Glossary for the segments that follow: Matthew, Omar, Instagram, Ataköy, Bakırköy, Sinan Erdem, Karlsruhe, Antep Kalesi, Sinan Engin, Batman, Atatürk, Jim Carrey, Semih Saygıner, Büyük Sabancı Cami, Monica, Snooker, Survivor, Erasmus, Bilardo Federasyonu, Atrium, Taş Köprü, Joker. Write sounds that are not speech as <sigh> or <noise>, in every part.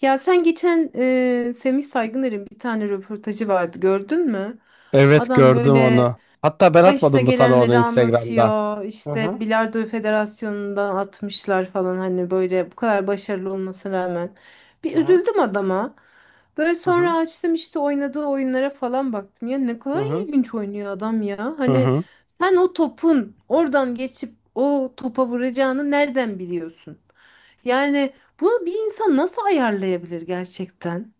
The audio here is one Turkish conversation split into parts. Ya sen geçen Semih Saygıner'in bir tane röportajı vardı gördün mü? Evet Adam gördüm böyle onu. Hatta ben başına atmadım mı sana onu gelenleri Instagram'dan? anlatıyor. Hı hı İşte Bilardo Federasyonu'ndan atmışlar falan hani böyle bu kadar başarılı olmasına rağmen. Bir hı hı üzüldüm adama. Böyle hı hı sonra açtım işte oynadığı oyunlara falan baktım. Ya ne hı kadar hı. ilginç oynuyor adam ya. Hı Hani hı. sen o topun oradan geçip o topa vuracağını nereden biliyorsun? Yani bunu bir insan nasıl ayarlayabilir gerçekten?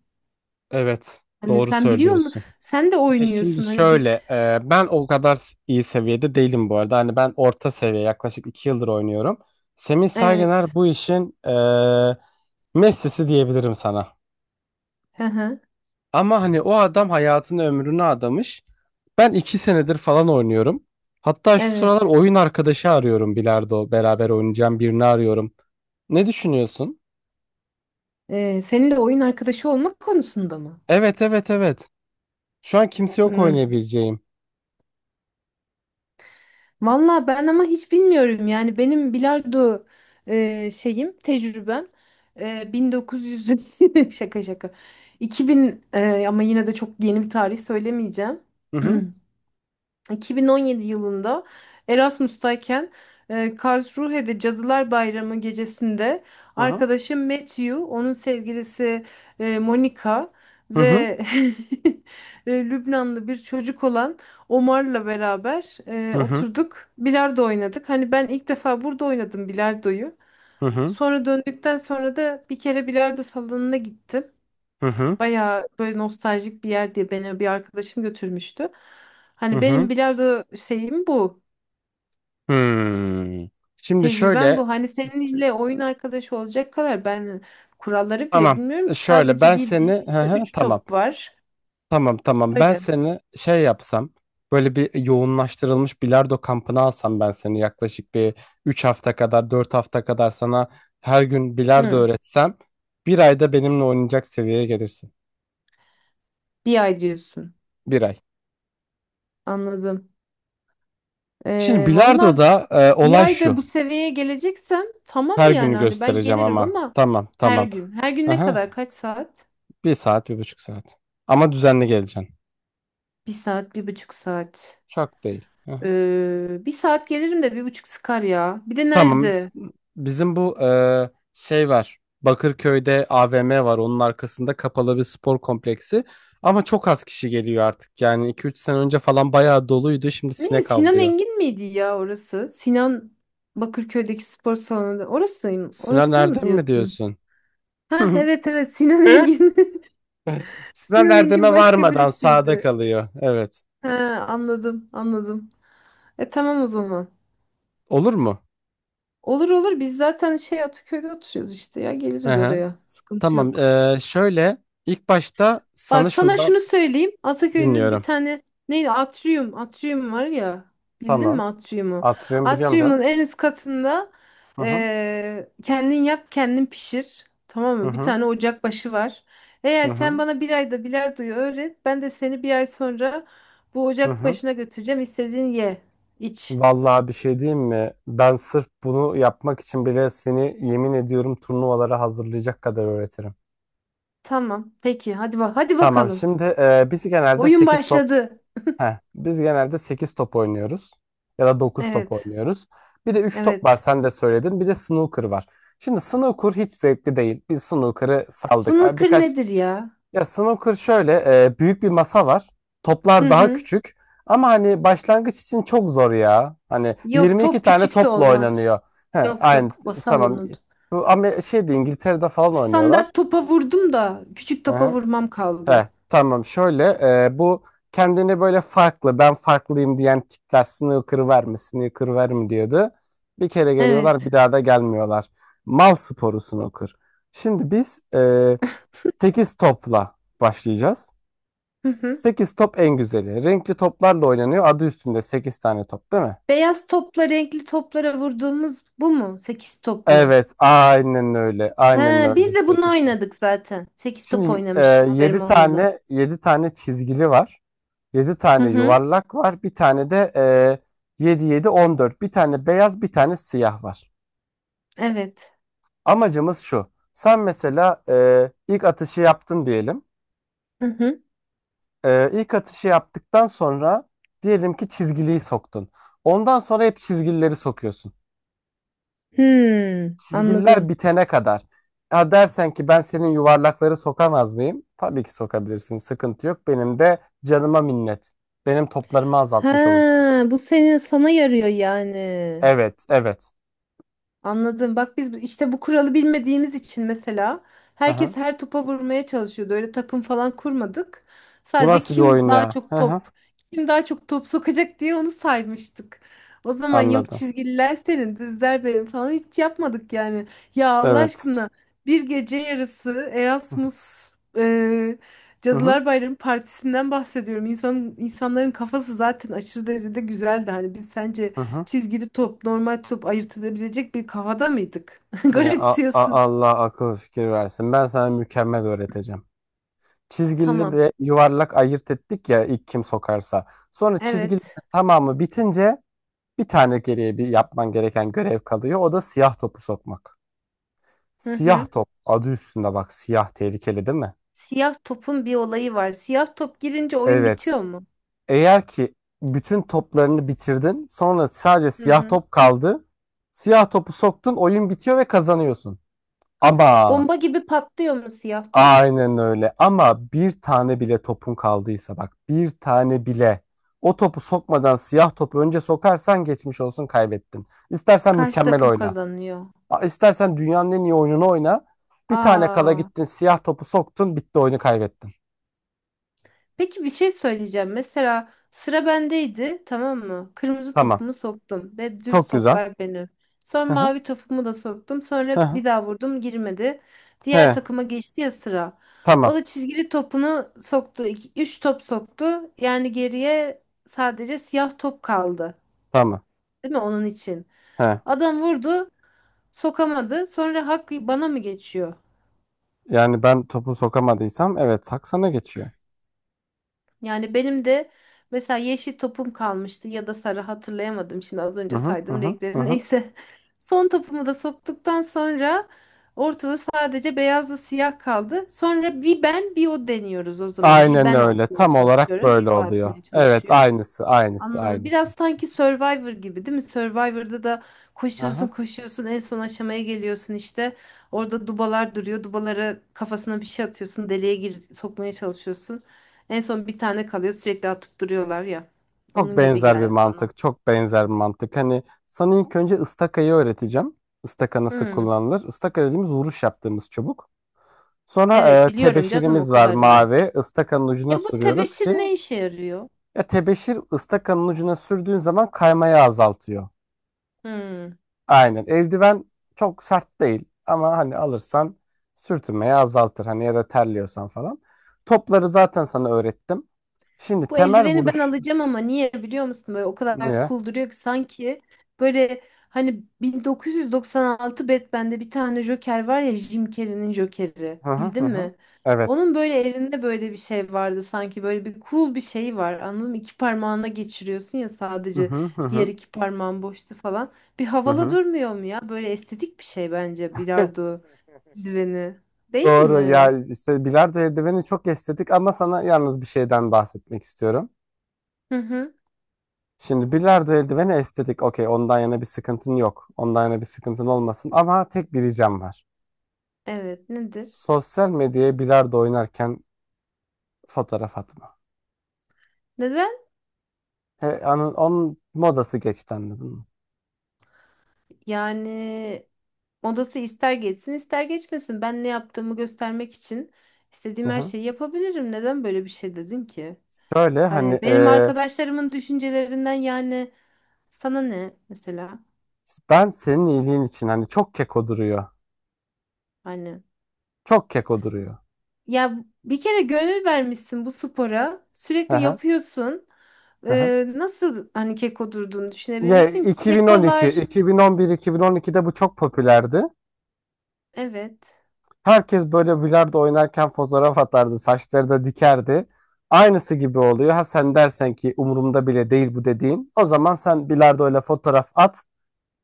Evet, Hani doğru sen biliyor musun? söylüyorsun. Sen de Şimdi oynuyorsun hani bir şöyle, ben o kadar iyi seviyede değilim bu arada. Hani ben orta seviye, yaklaşık 2 yıldır oynuyorum. Semih Saygıner evet. bu işin Messi'si diyebilirim sana. Hı hı. Ama hani o adam hayatını ömrünü adamış. Ben 2 senedir falan oynuyorum. Hatta şu sıralar Evet. oyun arkadaşı arıyorum bilardo. Beraber oynayacağım birini arıyorum. Ne düşünüyorsun? Seninle oyun arkadaşı olmak konusunda mı? Evet evet evet. Şu an kimse yok Hmm. oynayabileceğim. Valla ben ama hiç bilmiyorum. Yani benim bilardo şeyim, tecrübem 1900 <laughs> şaka şaka. 2000 ama yine de çok yeni bir tarih söylemeyeceğim. Hı hı. <clears throat> 2017 yılında Erasmus'tayken Karlsruhe'de Cadılar Bayramı gecesinde Hı hı. arkadaşım Matthew, onun sevgilisi Monica Hı hı. ve <laughs> Lübnanlı bir çocuk olan Omar'la beraber Hı hı. oturduk, bilardo oynadık. Hani ben ilk defa burada oynadım bilardoyu. Hı hı. Sonra döndükten sonra da bir kere bilardo salonuna gittim. Hı hı. Bayağı böyle nostaljik bir yer diye beni bir arkadaşım götürmüştü. Hı Hani benim hı. bilardo şeyim bu. Hmm. Şimdi Tecrübem şöyle bu. Hani seninle oyun arkadaşı olacak kadar ben kuralları bile tamam. bilmiyorum ki. Şöyle Sadece ben seni bildiğim hı işte hı, 3 tamam. top var. Tamam tamam ben Öyle. seni şey yapsam böyle bir yoğunlaştırılmış bilardo kampına alsam ben seni yaklaşık bir 3 hafta kadar 4 hafta kadar sana her gün bilardo Hı. öğretsem bir ayda benimle oynayacak seviyeye gelirsin. Bir ay diyorsun. Bir ay. Anladım. Şimdi Valla bilardoda bir olay ayda şu bu seviyeye geleceksem tamam her yani günü hani ben göstereceğim gelirim ama ama tamam her tamam. gün. Her gün ne kadar? Aha, Kaç saat? bir saat 1,5 saat ama düzenli geleceksin. Bir saat, bir buçuk saat. Çok değil. Aha. Bir saat gelirim de bir buçuk sıkar ya. Bir de Tamam. Nerede? Bizim bu şey var. Bakırköy'de AVM var. Onun arkasında kapalı bir spor kompleksi. Ama çok az kişi geliyor artık. Yani 2-3 sene önce falan bayağı doluydu. Şimdi Ne? sinek Sinan avlıyor. Engin miydi ya orası? Sinan Bakırköy'deki spor salonu. Orasıyım. Sinan Orasını mı Erdem mi diyorsun? diyorsun? Ha <laughs> evet evet Sinan Engin. <laughs> Sinan Sinan Engin Erdem'e başka varmadan sağda birisiydi. kalıyor. Evet. Ha anladım anladım. E tamam o zaman. Olur mu? Olur olur biz zaten şey Ataköy'de oturuyoruz işte ya Hı geliriz hı. oraya. Sıkıntı Tamam. yok. Şöyle ilk başta sana Bak sana şundan şunu söyleyeyim. Ataköy'de bir dinliyorum. tane neydi? Atrium. Atrium var ya. Bildin Tamam. mi Atrium'u? Atrium biliyorum canım. Atrium'un en üst katında Hı hı. Kendin yap kendin pişir. Tamam Hı mı? Bir hı. tane ocak başı var. Hı Eğer sen hı. bana bir ayda bilardoyu öğret. Ben de seni bir ay sonra bu Hı ocak hı. başına götüreceğim. İstediğin ye. İç. Vallahi bir şey diyeyim mi? Ben sırf bunu yapmak için bile seni yemin ediyorum turnuvalara hazırlayacak kadar öğretirim. Tamam. Peki. Hadi bak. Hadi Tamam bakalım. şimdi Oyun başladı. Biz genelde 8 top oynuyoruz ya da dokuz top Evet. oynuyoruz. Bir de üç top var Evet. sen de söyledin. Bir de snooker var. Şimdi snooker hiç zevkli değil. Biz snooker'ı saldık. Abi Snooker birkaç. nedir ya? Ya snooker şöyle büyük bir masa var. Toplar Hı daha hı. küçük. Ama hani başlangıç için çok zor ya. Hani Yok 22 top tane küçükse topla olmaz. oynanıyor. He, Yok aynı yok basal tamam. onu. Bu ama şeyde İngiltere'de falan oynuyorlar. Standart topa vurdum da küçük Hı topa hı. vurmam He, kaldı. tamam şöyle bu kendini böyle farklı ben farklıyım diyen tipler snooker verme snooker verme diyordu. Bir kere geliyorlar bir Evet. daha da gelmiyorlar. Mal sporu snooker. Şimdi biz 8 topla başlayacağız. Hı hı. 8 top en güzeli. Renkli toplarla oynanıyor. Adı üstünde 8 tane top değil mi? Beyaz topla renkli toplara vurduğumuz bu mu? Sekiz top mu? Evet, aynen öyle. Aynen He, öyle biz de bunu 8 tane. oynadık zaten. Sekiz top Şimdi oynamışım haberim 7 olmadan. tane çizgili var. 7 Hı tane hı. yuvarlak var. Bir tane de 7 7 14. Bir tane beyaz, bir tane siyah var. Evet. Amacımız şu. Sen mesela ilk atışı yaptın diyelim. Hı hı. İlk atışı yaptıktan sonra diyelim ki çizgiliyi soktun. Ondan sonra hep çizgilileri sokuyorsun. Hmm, Çizgiler anladım. bitene kadar. Ya dersen ki ben senin yuvarlakları sokamaz mıyım? Tabii ki sokabilirsin. Sıkıntı yok. Benim de canıma minnet. Benim toplarımı Ha, azaltmış olursun. bu senin sana yarıyor yani. Evet, evet. Anladım. Bak biz işte bu kuralı bilmediğimiz için mesela Hı hı. herkes her topa vurmaya çalışıyordu. Öyle takım falan kurmadık. Bu Sadece nasıl bir kim oyun daha ya? Hı çok hı. top, kim daha çok top sokacak diye onu saymıştık. O zaman yok Anladım. çizgililer senin, düzler benim falan hiç yapmadık yani. Ya Allah Evet. aşkına bir gece yarısı Erasmus e, Hı hı. Cadılar Bayramı partisinden bahsediyorum. İnsan, insanların kafası zaten aşırı derecede güzeldi. Hani biz sence Hı hı. çizgili top, normal top ayırt edebilecek bir kafada mıydık? <laughs> Ya Garipsiyorsun. Allah akıl fikir versin. Ben sana mükemmel öğreteceğim. Çizgili Tamam. ve yuvarlak ayırt ettik ya ilk kim sokarsa. Sonra çizgili Evet. tamamı bitince bir tane geriye bir yapman gereken görev kalıyor. O da siyah topu sokmak. Hı hı. Siyah top adı üstünde bak siyah tehlikeli değil mi? Siyah topun bir olayı var. Siyah top girince oyun Evet. bitiyor mu? Eğer ki bütün toplarını bitirdin sonra sadece Hı siyah hı. top kaldı. Siyah topu soktun oyun bitiyor ve kazanıyorsun. Ama Bomba gibi patlıyor mu siyah top? aynen öyle ama bir tane bile topun kaldıysa bak bir tane bile o topu sokmadan siyah topu önce sokarsan geçmiş olsun kaybettin. İstersen Karşı mükemmel takım oyna. kazanıyor. İstersen dünyanın en iyi oyununu oyna. Bir tane kala Aa. gittin siyah topu soktun bitti oyunu kaybettin. Peki bir şey söyleyeceğim. Mesela sıra bendeydi, tamam mı? Kırmızı Tamam. topumu soktum ve düz Çok güzel. toplar beni. Sonra Hı hı. mavi topumu da soktum. Hı Sonra hı. bir daha vurdum, girmedi. He. Diğer takıma geçti ya sıra. O Tamam. da çizgili topunu soktu. İki, üç top soktu. Yani geriye sadece siyah top kaldı. Tamam. Değil mi onun için? He. Adam vurdu, sokamadı. Sonra hak bana mı geçiyor? Yani ben topu sokamadıysam evet hak sana geçiyor. Yani benim de mesela yeşil topum kalmıştı ya da sarı hatırlayamadım şimdi az Hı önce hı hı saydığım hı. Hı renkleri hı. neyse. <laughs> Son topumu da soktuktan sonra ortada sadece beyazla siyah kaldı. Sonra bir ben bir o deniyoruz o zaman. Bir Aynen ben öyle. atmaya Tam olarak çalışıyorum, bir böyle o oluyor. atmaya Evet çalışıyor. aynısı aynısı Anladım. aynısı. Biraz sanki Survivor gibi değil mi? Survivor'da da Hı koşuyorsun hı. koşuyorsun en son aşamaya geliyorsun işte. Orada dubalar duruyor. Dubalara kafasına bir şey atıyorsun. Deliğe gir sokmaya çalışıyorsun. En son bir tane kalıyor. Sürekli atıp duruyorlar ya. Çok Onun gibi benzer bir geldi bana. mantık. Çok benzer bir mantık. Hani sana ilk önce ıstakayı öğreteceğim. Istaka nasıl Hmm. kullanılır? Istaka dediğimiz vuruş yaptığımız çubuk. Sonra Evet biliyorum canım o tebeşirimiz var kadarını. mavi. Istakanın Ya ucuna bu sürüyoruz tebeşir ki ne işe yarıyor? ya tebeşir ıstakanın ucuna sürdüğün zaman kaymayı azaltıyor. Hmm. Aynen. Eldiven çok sert değil ama hani alırsan sürtünmeyi azaltır. Hani ya da terliyorsan falan. Topları zaten sana öğrettim. Şimdi Bu temel eldiveni ben vuruş alacağım ama niye biliyor musun? Böyle o kadar niye? cool duruyor ki sanki böyle hani 1996 Batman'de bir tane Joker var ya Jim Carrey'nin Joker'i. Hı hı hı. Bildin Hı. mi? Evet. Onun böyle elinde böyle bir şey vardı sanki böyle bir cool bir şey var anladın mı? İki parmağına geçiriyorsun ya Hı sadece hı hı diğer hı. iki parmağın boştu falan. Bir Hı havalı hı. durmuyor mu ya? Böyle estetik bir şey bence <laughs> bilardo eldiveni. Değil Doğru mi? ya işte bilardo eldiveni çok estetik ama sana yalnız bir şeyden bahsetmek istiyorum. Hı hı. Şimdi bilardo eldiveni estetik. Okey, ondan yana bir sıkıntın yok. Ondan yana bir sıkıntın olmasın. Ama tek bir ricam var. Evet nedir? Sosyal medyaya bilardo oynarken fotoğraf atma. Neden? He, onun modası geçti anladın mı? Yani odası ister geçsin ister geçmesin. Ben ne yaptığımı göstermek için istediğim her Hı-hı. şeyi yapabilirim. Neden böyle bir şey dedin ki? Şöyle Hani hani benim arkadaşlarımın düşüncelerinden yani sana ne mesela? ben senin iyiliğin için hani çok keko duruyor. Hani Çok keko duruyor. ya bir kere gönül vermişsin bu spora. Sürekli Hı-hı. yapıyorsun. Hı-hı. Nasıl hani keko durduğunu Ya düşünebilirsin ki? 2012, Kekolar 2011, 2012'de bu çok popülerdi. evet. Herkes böyle bilardo oynarken fotoğraf atardı, saçları da dikerdi. Aynısı gibi oluyor. Ha sen dersen ki umurumda bile değil bu dediğin. O zaman sen bilardoyla fotoğraf at.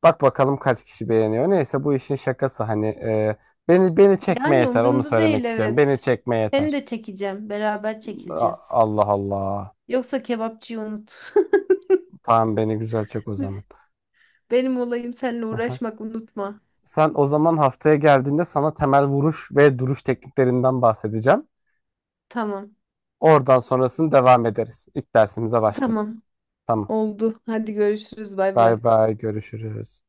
Bak bakalım kaç kişi beğeniyor. Neyse bu işin şakası hani beni çekme Yani yeter onu umurumda söylemek değil istiyorum. Beni evet. çekme Seni yeter. de çekeceğim. Beraber çekileceğiz. Allah Allah. Yoksa kebapçıyı unut. Tamam beni güzel çek o zaman. <laughs> Benim olayım seninle Aha. uğraşmak unutma. Sen o zaman haftaya geldiğinde sana temel vuruş ve duruş tekniklerinden bahsedeceğim. Tamam. Oradan sonrasını devam ederiz. İlk dersimize başlarız. Tamam. Tamam. Oldu. Hadi görüşürüz. Bay Bay bay. bay görüşürüz.